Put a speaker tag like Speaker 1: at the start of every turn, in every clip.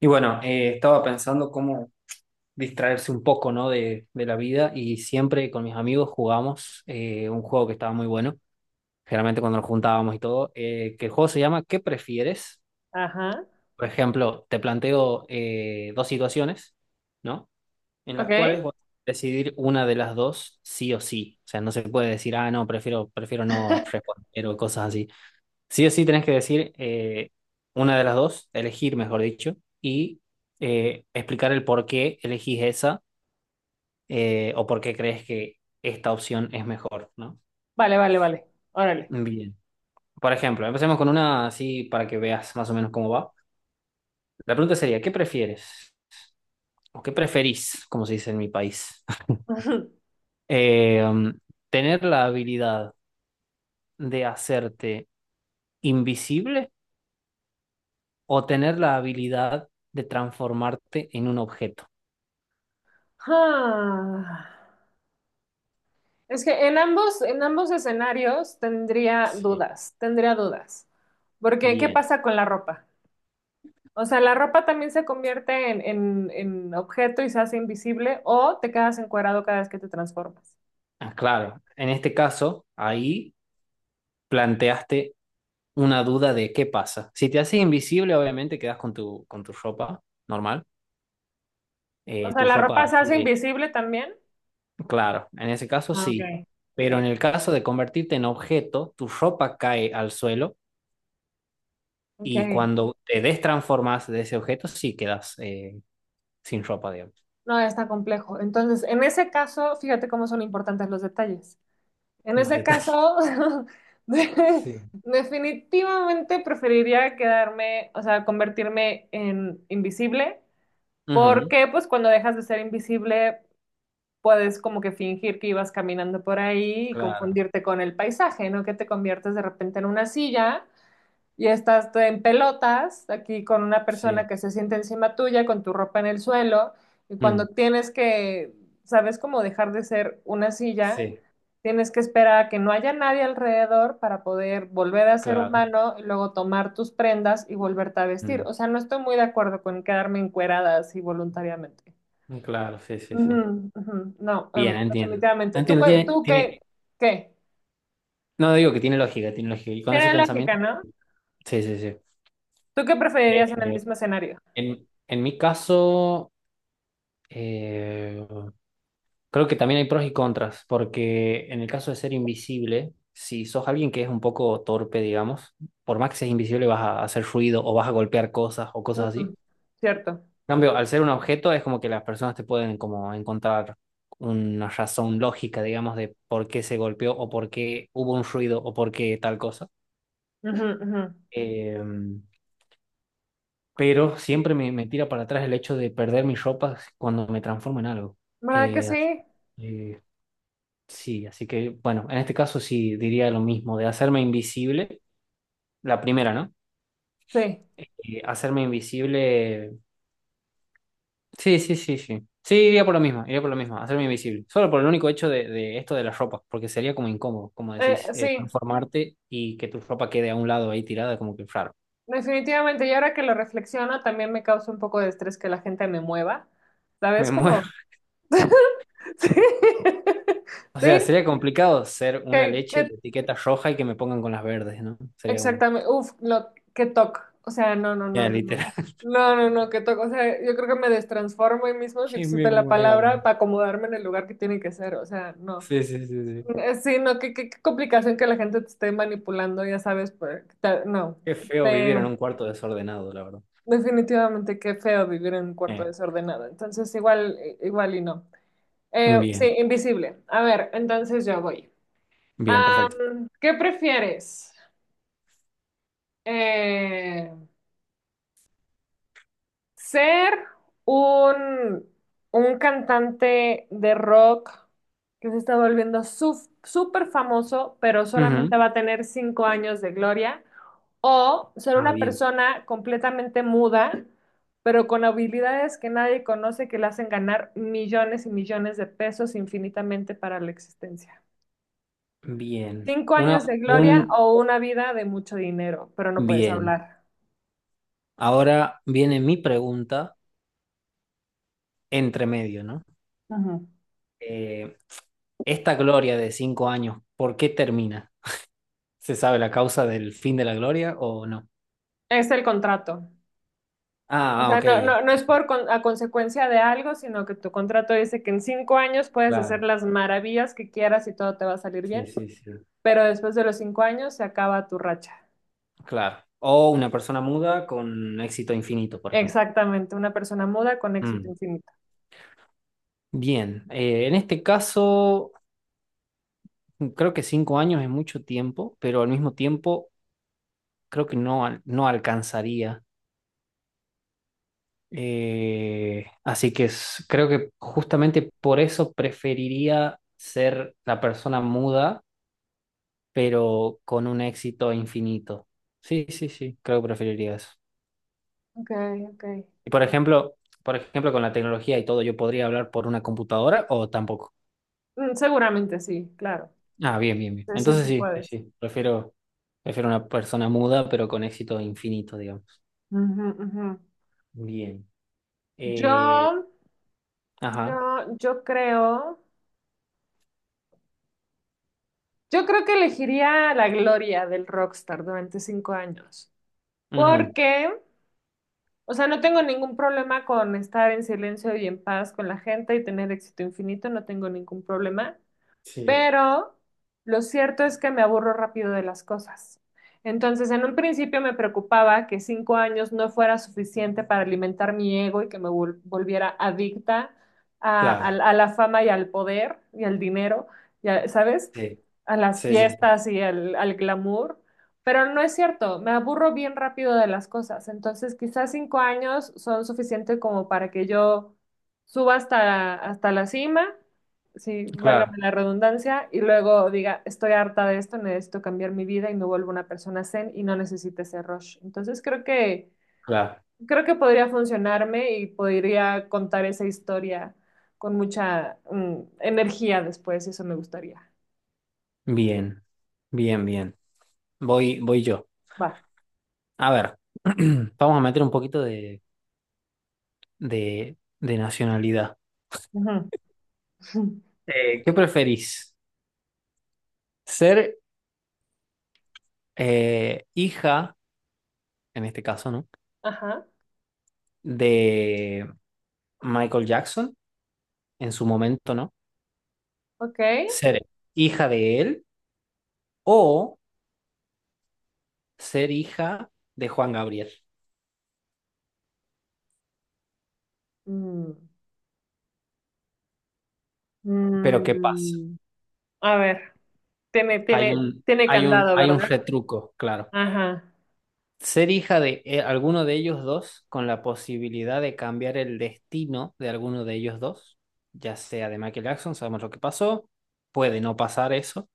Speaker 1: Y bueno, estaba pensando cómo distraerse un poco, ¿no? de la vida y siempre con mis amigos jugamos un juego que estaba muy bueno, generalmente cuando nos juntábamos y todo, que el juego se llama ¿Qué prefieres?
Speaker 2: Ajá.
Speaker 1: Por ejemplo, te planteo dos situaciones, ¿no? En las
Speaker 2: Ok.
Speaker 1: cuales vas a decidir una de las dos sí o sí. O sea, no se puede decir, ah, no, prefiero no responder o cosas así. Sí o sí tenés que decir una de las dos, elegir, mejor dicho, y explicar el por qué elegís esa o por qué crees que esta opción es mejor, ¿no?
Speaker 2: Vale, vale, vale. Órale.
Speaker 1: Bien. Por ejemplo, empecemos con una así para que veas más o menos cómo va. La pregunta sería, ¿qué prefieres? ¿O qué preferís, como se dice en mi país? Eh, um, ¿tener la habilidad de hacerte invisible o tener la habilidad de transformarte en un objeto?
Speaker 2: Ah, es que en ambos escenarios tendría
Speaker 1: Sí.
Speaker 2: dudas, tendría dudas. Porque, ¿qué
Speaker 1: Bien.
Speaker 2: pasa con la ropa? O sea, la ropa también se convierte en objeto y se hace invisible, o te quedas encuadrado cada vez que te transformas.
Speaker 1: Ah, claro, en este caso, ahí planteaste una duda de qué pasa. Si te haces invisible, obviamente quedas con con tu ropa normal.
Speaker 2: O sea,
Speaker 1: Tu
Speaker 2: la
Speaker 1: ropa
Speaker 2: ropa se hace
Speaker 1: adquiere,
Speaker 2: invisible también.
Speaker 1: claro, en ese caso
Speaker 2: Ah, ok.
Speaker 1: sí.
Speaker 2: Ok.
Speaker 1: Pero en el caso de convertirte en objeto, tu ropa cae al suelo
Speaker 2: Ok.
Speaker 1: y cuando te destransformas de ese objeto, sí quedas sin ropa, digamos.
Speaker 2: No, está complejo. Entonces, en ese caso, fíjate cómo son importantes los detalles. En
Speaker 1: Los
Speaker 2: ese
Speaker 1: detalles.
Speaker 2: caso, de-
Speaker 1: Sí.
Speaker 2: definitivamente preferiría quedarme, o sea, convertirme en invisible,
Speaker 1: Ujú.
Speaker 2: porque pues cuando dejas de ser invisible puedes como que fingir que ibas caminando por ahí y
Speaker 1: Claro,
Speaker 2: confundirte con el paisaje, ¿no? Que te conviertes de repente en una silla y estás en pelotas aquí con una persona
Speaker 1: sí.
Speaker 2: que se siente encima tuya, con tu ropa en el suelo, y cuando
Speaker 1: Mm,
Speaker 2: tienes que, sabes cómo dejar de ser una silla,
Speaker 1: sí,
Speaker 2: tienes que esperar a que no haya nadie alrededor para poder volver a ser
Speaker 1: claro.
Speaker 2: humano y luego tomar tus prendas y volverte a vestir.
Speaker 1: Mm,
Speaker 2: O sea, no estoy muy de acuerdo con quedarme encuerada así voluntariamente.
Speaker 1: claro, sí, sí, sí.
Speaker 2: Ujú, ujú, no,
Speaker 1: Bien, entiendo.
Speaker 2: definitivamente. ¿Tú,
Speaker 1: Entiendo,
Speaker 2: tú qué,
Speaker 1: tiene,
Speaker 2: qué?
Speaker 1: no digo que tiene lógica, tiene lógica. Y con ese
Speaker 2: Tiene lógica,
Speaker 1: pensamiento,
Speaker 2: ¿no?
Speaker 1: sí, sí, sí.
Speaker 2: ¿Tú qué preferirías en el
Speaker 1: Eh,
Speaker 2: mismo escenario?
Speaker 1: en mi caso, eh, creo que también hay pros y contras, porque en el caso de ser invisible, si sos alguien que es un poco torpe, digamos, por más que seas invisible vas a hacer ruido o vas a golpear cosas o cosas así.
Speaker 2: Ujú, cierto.
Speaker 1: En cambio, al ser un objeto es como que las personas te pueden como encontrar una razón lógica, digamos, de por qué se golpeó o por qué hubo un ruido o por qué tal cosa.
Speaker 2: Ujú, ujú.
Speaker 1: Eh, pero siempre me tira para atrás el hecho de perder mis ropas cuando me transformo en algo.
Speaker 2: ¿Verdad que
Speaker 1: Eh, así
Speaker 2: sí?
Speaker 1: que, sí, así que bueno, en este caso sí diría lo mismo, de hacerme invisible, la primera, ¿no?
Speaker 2: Sí,
Speaker 1: Hacerme invisible, sí, sí, sí, sí. Sí, iría por lo mismo, iría por lo mismo, hacerme invisible. Solo por el único hecho de esto de las ropas, porque sería como incómodo, como decís,
Speaker 2: Sí,
Speaker 1: transformarte y que tu ropa quede a un lado ahí tirada, como que raro.
Speaker 2: definitivamente. Y ahora que lo reflexiono, también me causa un poco de estrés que la gente me mueva.
Speaker 1: Me
Speaker 2: ¿Sabes? Como...
Speaker 1: muero.
Speaker 2: Sí,
Speaker 1: O sea,
Speaker 2: sí,
Speaker 1: sería complicado ser una
Speaker 2: que,
Speaker 1: leche
Speaker 2: que-
Speaker 1: de etiqueta roja y que me pongan con las verdes, ¿no? Sería como,
Speaker 2: exactamente. Uf, lo que toc. O sea, no, no, no,
Speaker 1: ya,
Speaker 2: no, no.
Speaker 1: literal,
Speaker 2: No, no, no, que toc. O sea, yo creo que me destransformo ahí mismo, si
Speaker 1: que me
Speaker 2: existe la palabra,
Speaker 1: muevan.
Speaker 2: para acomodarme en el lugar que tiene que ser. O sea, no.
Speaker 1: Sí, sí, sí, sí.
Speaker 2: Sí, no, qué, qué complicación que la gente te esté manipulando, ya sabes, pues, que no.
Speaker 1: Qué feo vivir en
Speaker 2: Este,
Speaker 1: un cuarto desordenado, la verdad.
Speaker 2: Definitivamente, qué feo vivir en un cuarto
Speaker 1: Eh,
Speaker 2: desordenado. Entonces, igual, igual y no.
Speaker 1: bien,
Speaker 2: Sí, invisible. A ver, entonces yo voy.
Speaker 1: bien, perfecto.
Speaker 2: ¿Qué prefieres? Eh, Ser un, un cantante de rock que se está volviendo súper famoso, pero solamente
Speaker 1: Ujú.
Speaker 2: va a tener 5 años de gloria, o ser
Speaker 1: Ah,
Speaker 2: una
Speaker 1: bien,
Speaker 2: persona completamente muda, pero con habilidades que nadie conoce que le hacen ganar millones y millones de pesos infinitamente para la existencia.
Speaker 1: bien.
Speaker 2: Cinco
Speaker 1: Una,
Speaker 2: años de gloria
Speaker 1: un,
Speaker 2: o una vida de mucho dinero, pero no puedes
Speaker 1: bien.
Speaker 2: hablar.
Speaker 1: Ahora viene mi pregunta entre medio, ¿no?
Speaker 2: Ajá.
Speaker 1: Eh, esta gloria de 5 años, ¿por qué termina? ¿Se sabe la causa del fin de la gloria o no?
Speaker 2: Es el contrato. O
Speaker 1: Ah, ah,
Speaker 2: sea,
Speaker 1: ok,
Speaker 2: no,
Speaker 1: ya.
Speaker 2: no, no es por a consecuencia de algo, sino que tu contrato dice que en 5 años puedes hacer
Speaker 1: Claro.
Speaker 2: las maravillas que quieras y todo te va a salir
Speaker 1: Sí,
Speaker 2: bien,
Speaker 1: sí, sí.
Speaker 2: pero después de los 5 años se acaba tu racha.
Speaker 1: Claro. O una persona muda con éxito infinito, por ejemplo.
Speaker 2: Exactamente, una persona muda con éxito
Speaker 1: Mm.
Speaker 2: infinito.
Speaker 1: Bien. En este caso, creo que 5 años es mucho tiempo, pero al mismo tiempo creo que no, no alcanzaría. Creo que justamente por eso preferiría ser la persona muda, pero con un éxito infinito. Sí, sí, sí, creo que preferiría eso.
Speaker 2: Ok, ok.
Speaker 1: Y por ejemplo, con la tecnología y todo, ¿yo podría hablar por una computadora o tampoco?
Speaker 2: Seguramente sí, claro.
Speaker 1: Ah, bien, bien, bien.
Speaker 2: Sí, sí,
Speaker 1: Entonces
Speaker 2: sí
Speaker 1: sí, sí,
Speaker 2: puedes.
Speaker 1: sí. Prefiero una persona muda, pero con éxito infinito, digamos.
Speaker 2: Ujú, ujú.
Speaker 1: Bien. Eh,
Speaker 2: Yo,
Speaker 1: ajá.
Speaker 2: yo, yo creo, yo creo que elegiría la gloria del rockstar durante 5 años.
Speaker 1: Ujú.
Speaker 2: Porque O sea, no tengo ningún problema con estar en silencio y en paz con la gente y tener éxito infinito, no tengo ningún problema,
Speaker 1: Sí,
Speaker 2: pero lo cierto es que me aburro rápido de las cosas. Entonces, en un principio me preocupaba que 5 años no fuera suficiente para alimentar mi ego y que me volviera adicta
Speaker 1: claro.
Speaker 2: a la fama y al poder y al dinero, ¿sabes?
Speaker 1: Sí,
Speaker 2: A las
Speaker 1: sí, sí, sí.
Speaker 2: fiestas y al glamour. Pero no es cierto, me aburro bien rápido de las cosas. Entonces, quizás 5 años son suficientes como para que yo suba hasta la cima, sí,
Speaker 1: Claro,
Speaker 2: válgame la redundancia, y luego diga, estoy harta de esto, necesito cambiar mi vida y me vuelvo una persona zen y no necesite ese rush. Entonces
Speaker 1: claro.
Speaker 2: creo que podría funcionarme y podría contar esa historia con mucha energía después, eso me gustaría.
Speaker 1: Bien, bien, bien. Voy, voy yo.
Speaker 2: Va.
Speaker 1: A ver, vamos a meter un poquito de nacionalidad.
Speaker 2: Ujú.
Speaker 1: ¿Qué preferís? ¿Ser hija? En este caso, ¿no?
Speaker 2: Ajá,
Speaker 1: De Michael Jackson, en su momento, ¿no?
Speaker 2: ok.
Speaker 1: Ser hija de él o ser hija de Juan Gabriel.
Speaker 2: Mm,
Speaker 1: Pero ¿qué pasa?
Speaker 2: mm, a ver, tiene candado,
Speaker 1: Hay un
Speaker 2: ¿verdad?
Speaker 1: retruco, claro.
Speaker 2: Ajá.
Speaker 1: Ser hija de alguno de ellos dos con la posibilidad de cambiar el destino de alguno de ellos dos, ya sea de Michael Jackson, sabemos lo que pasó, puede no pasar eso,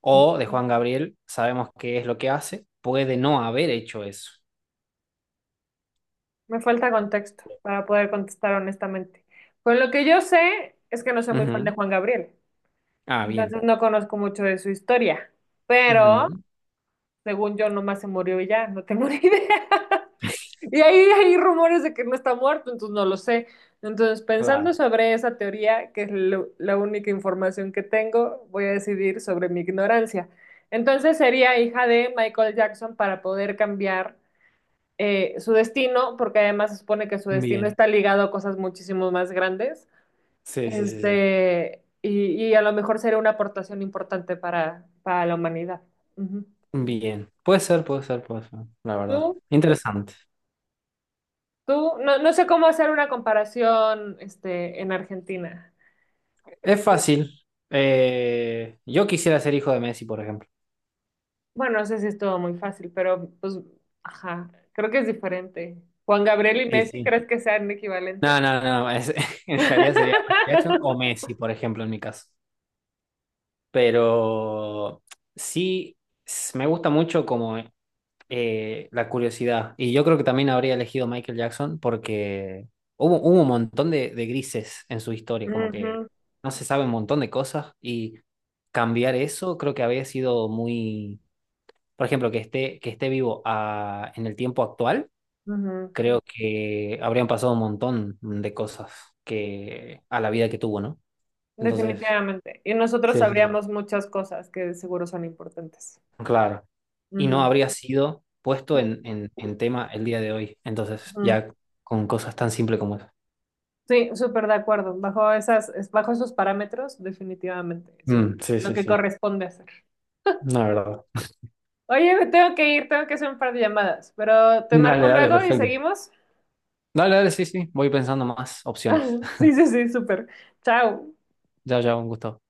Speaker 1: o de
Speaker 2: Ujú.
Speaker 1: Juan Gabriel, sabemos qué es lo que hace, puede no haber hecho eso.
Speaker 2: Me falta contexto para poder contestar honestamente. Pues lo que yo sé es que no soy muy fan de
Speaker 1: Ujú.
Speaker 2: Juan Gabriel,
Speaker 1: Ah, bien.
Speaker 2: entonces no conozco mucho de su historia, pero
Speaker 1: Ujú.
Speaker 2: según yo nomás se murió y ya, no tengo ni idea. Y ahí hay rumores de que no está muerto, entonces no lo sé. Entonces, pensando
Speaker 1: Claro.
Speaker 2: sobre esa teoría, que es la única información que tengo, voy a decidir sobre mi ignorancia. Entonces sería hija de Michael Jackson para poder cambiar su destino, porque además se supone que su destino
Speaker 1: Bien.
Speaker 2: está ligado a cosas muchísimo más grandes,
Speaker 1: Sí, sí, sí, sí.
Speaker 2: este, y a lo mejor sería una aportación importante para la humanidad. Ujú.
Speaker 1: Bien. Puede ser, puede ser, puede ser, la verdad.
Speaker 2: Tú,
Speaker 1: Interesante.
Speaker 2: tú, no, no sé cómo hacer una comparación, este, en Argentina.
Speaker 1: Es fácil. Yo quisiera ser hijo de Messi, por ejemplo.
Speaker 2: Bueno, no sé si es todo muy fácil, pero pues, ajá, creo que es diferente. Juan Gabriel y
Speaker 1: Sí,
Speaker 2: Messi,
Speaker 1: sí.
Speaker 2: ¿crees que sean
Speaker 1: No,
Speaker 2: equivalentes?
Speaker 1: no, no. Es- en realidad sería Michael Jackson o Messi, por ejemplo, en mi caso. Pero sí, s- me gusta mucho como la curiosidad. Y yo creo que también habría elegido Michael Jackson porque hubo un montón de grises en su historia, como que
Speaker 2: Ujú,
Speaker 1: no se sabe un montón de cosas y cambiar eso creo que había sido muy, por ejemplo, que esté vivo en el tiempo actual,
Speaker 2: ujú.
Speaker 1: creo que habrían pasado un montón de cosas que a la vida que tuvo, ¿no? Entonces,
Speaker 2: Definitivamente. Y nosotros
Speaker 1: sí, sí, sí.
Speaker 2: sabríamos muchas cosas que seguro son importantes.
Speaker 1: Claro. Y no
Speaker 2: Ujú,
Speaker 1: habría sido puesto en tema el día de hoy. Entonces,
Speaker 2: ujú.
Speaker 1: ya con cosas tan simples como eso.
Speaker 2: Sí, súper de acuerdo. Bajo esas, bajo esos parámetros, definitivamente es
Speaker 1: Mm, sí,
Speaker 2: lo
Speaker 1: sí,
Speaker 2: que
Speaker 1: sí.
Speaker 2: corresponde hacer.
Speaker 1: La verdad.
Speaker 2: Oye, me tengo que ir, tengo que hacer un par de llamadas, pero te
Speaker 1: Dale,
Speaker 2: marco
Speaker 1: dale,
Speaker 2: luego y
Speaker 1: perfecto.
Speaker 2: seguimos.
Speaker 1: Dale, dale, sí, sí. Voy pensando más opciones.
Speaker 2: Sí, sí, sí, súper. Chao.
Speaker 1: Ya, ya, un gusto.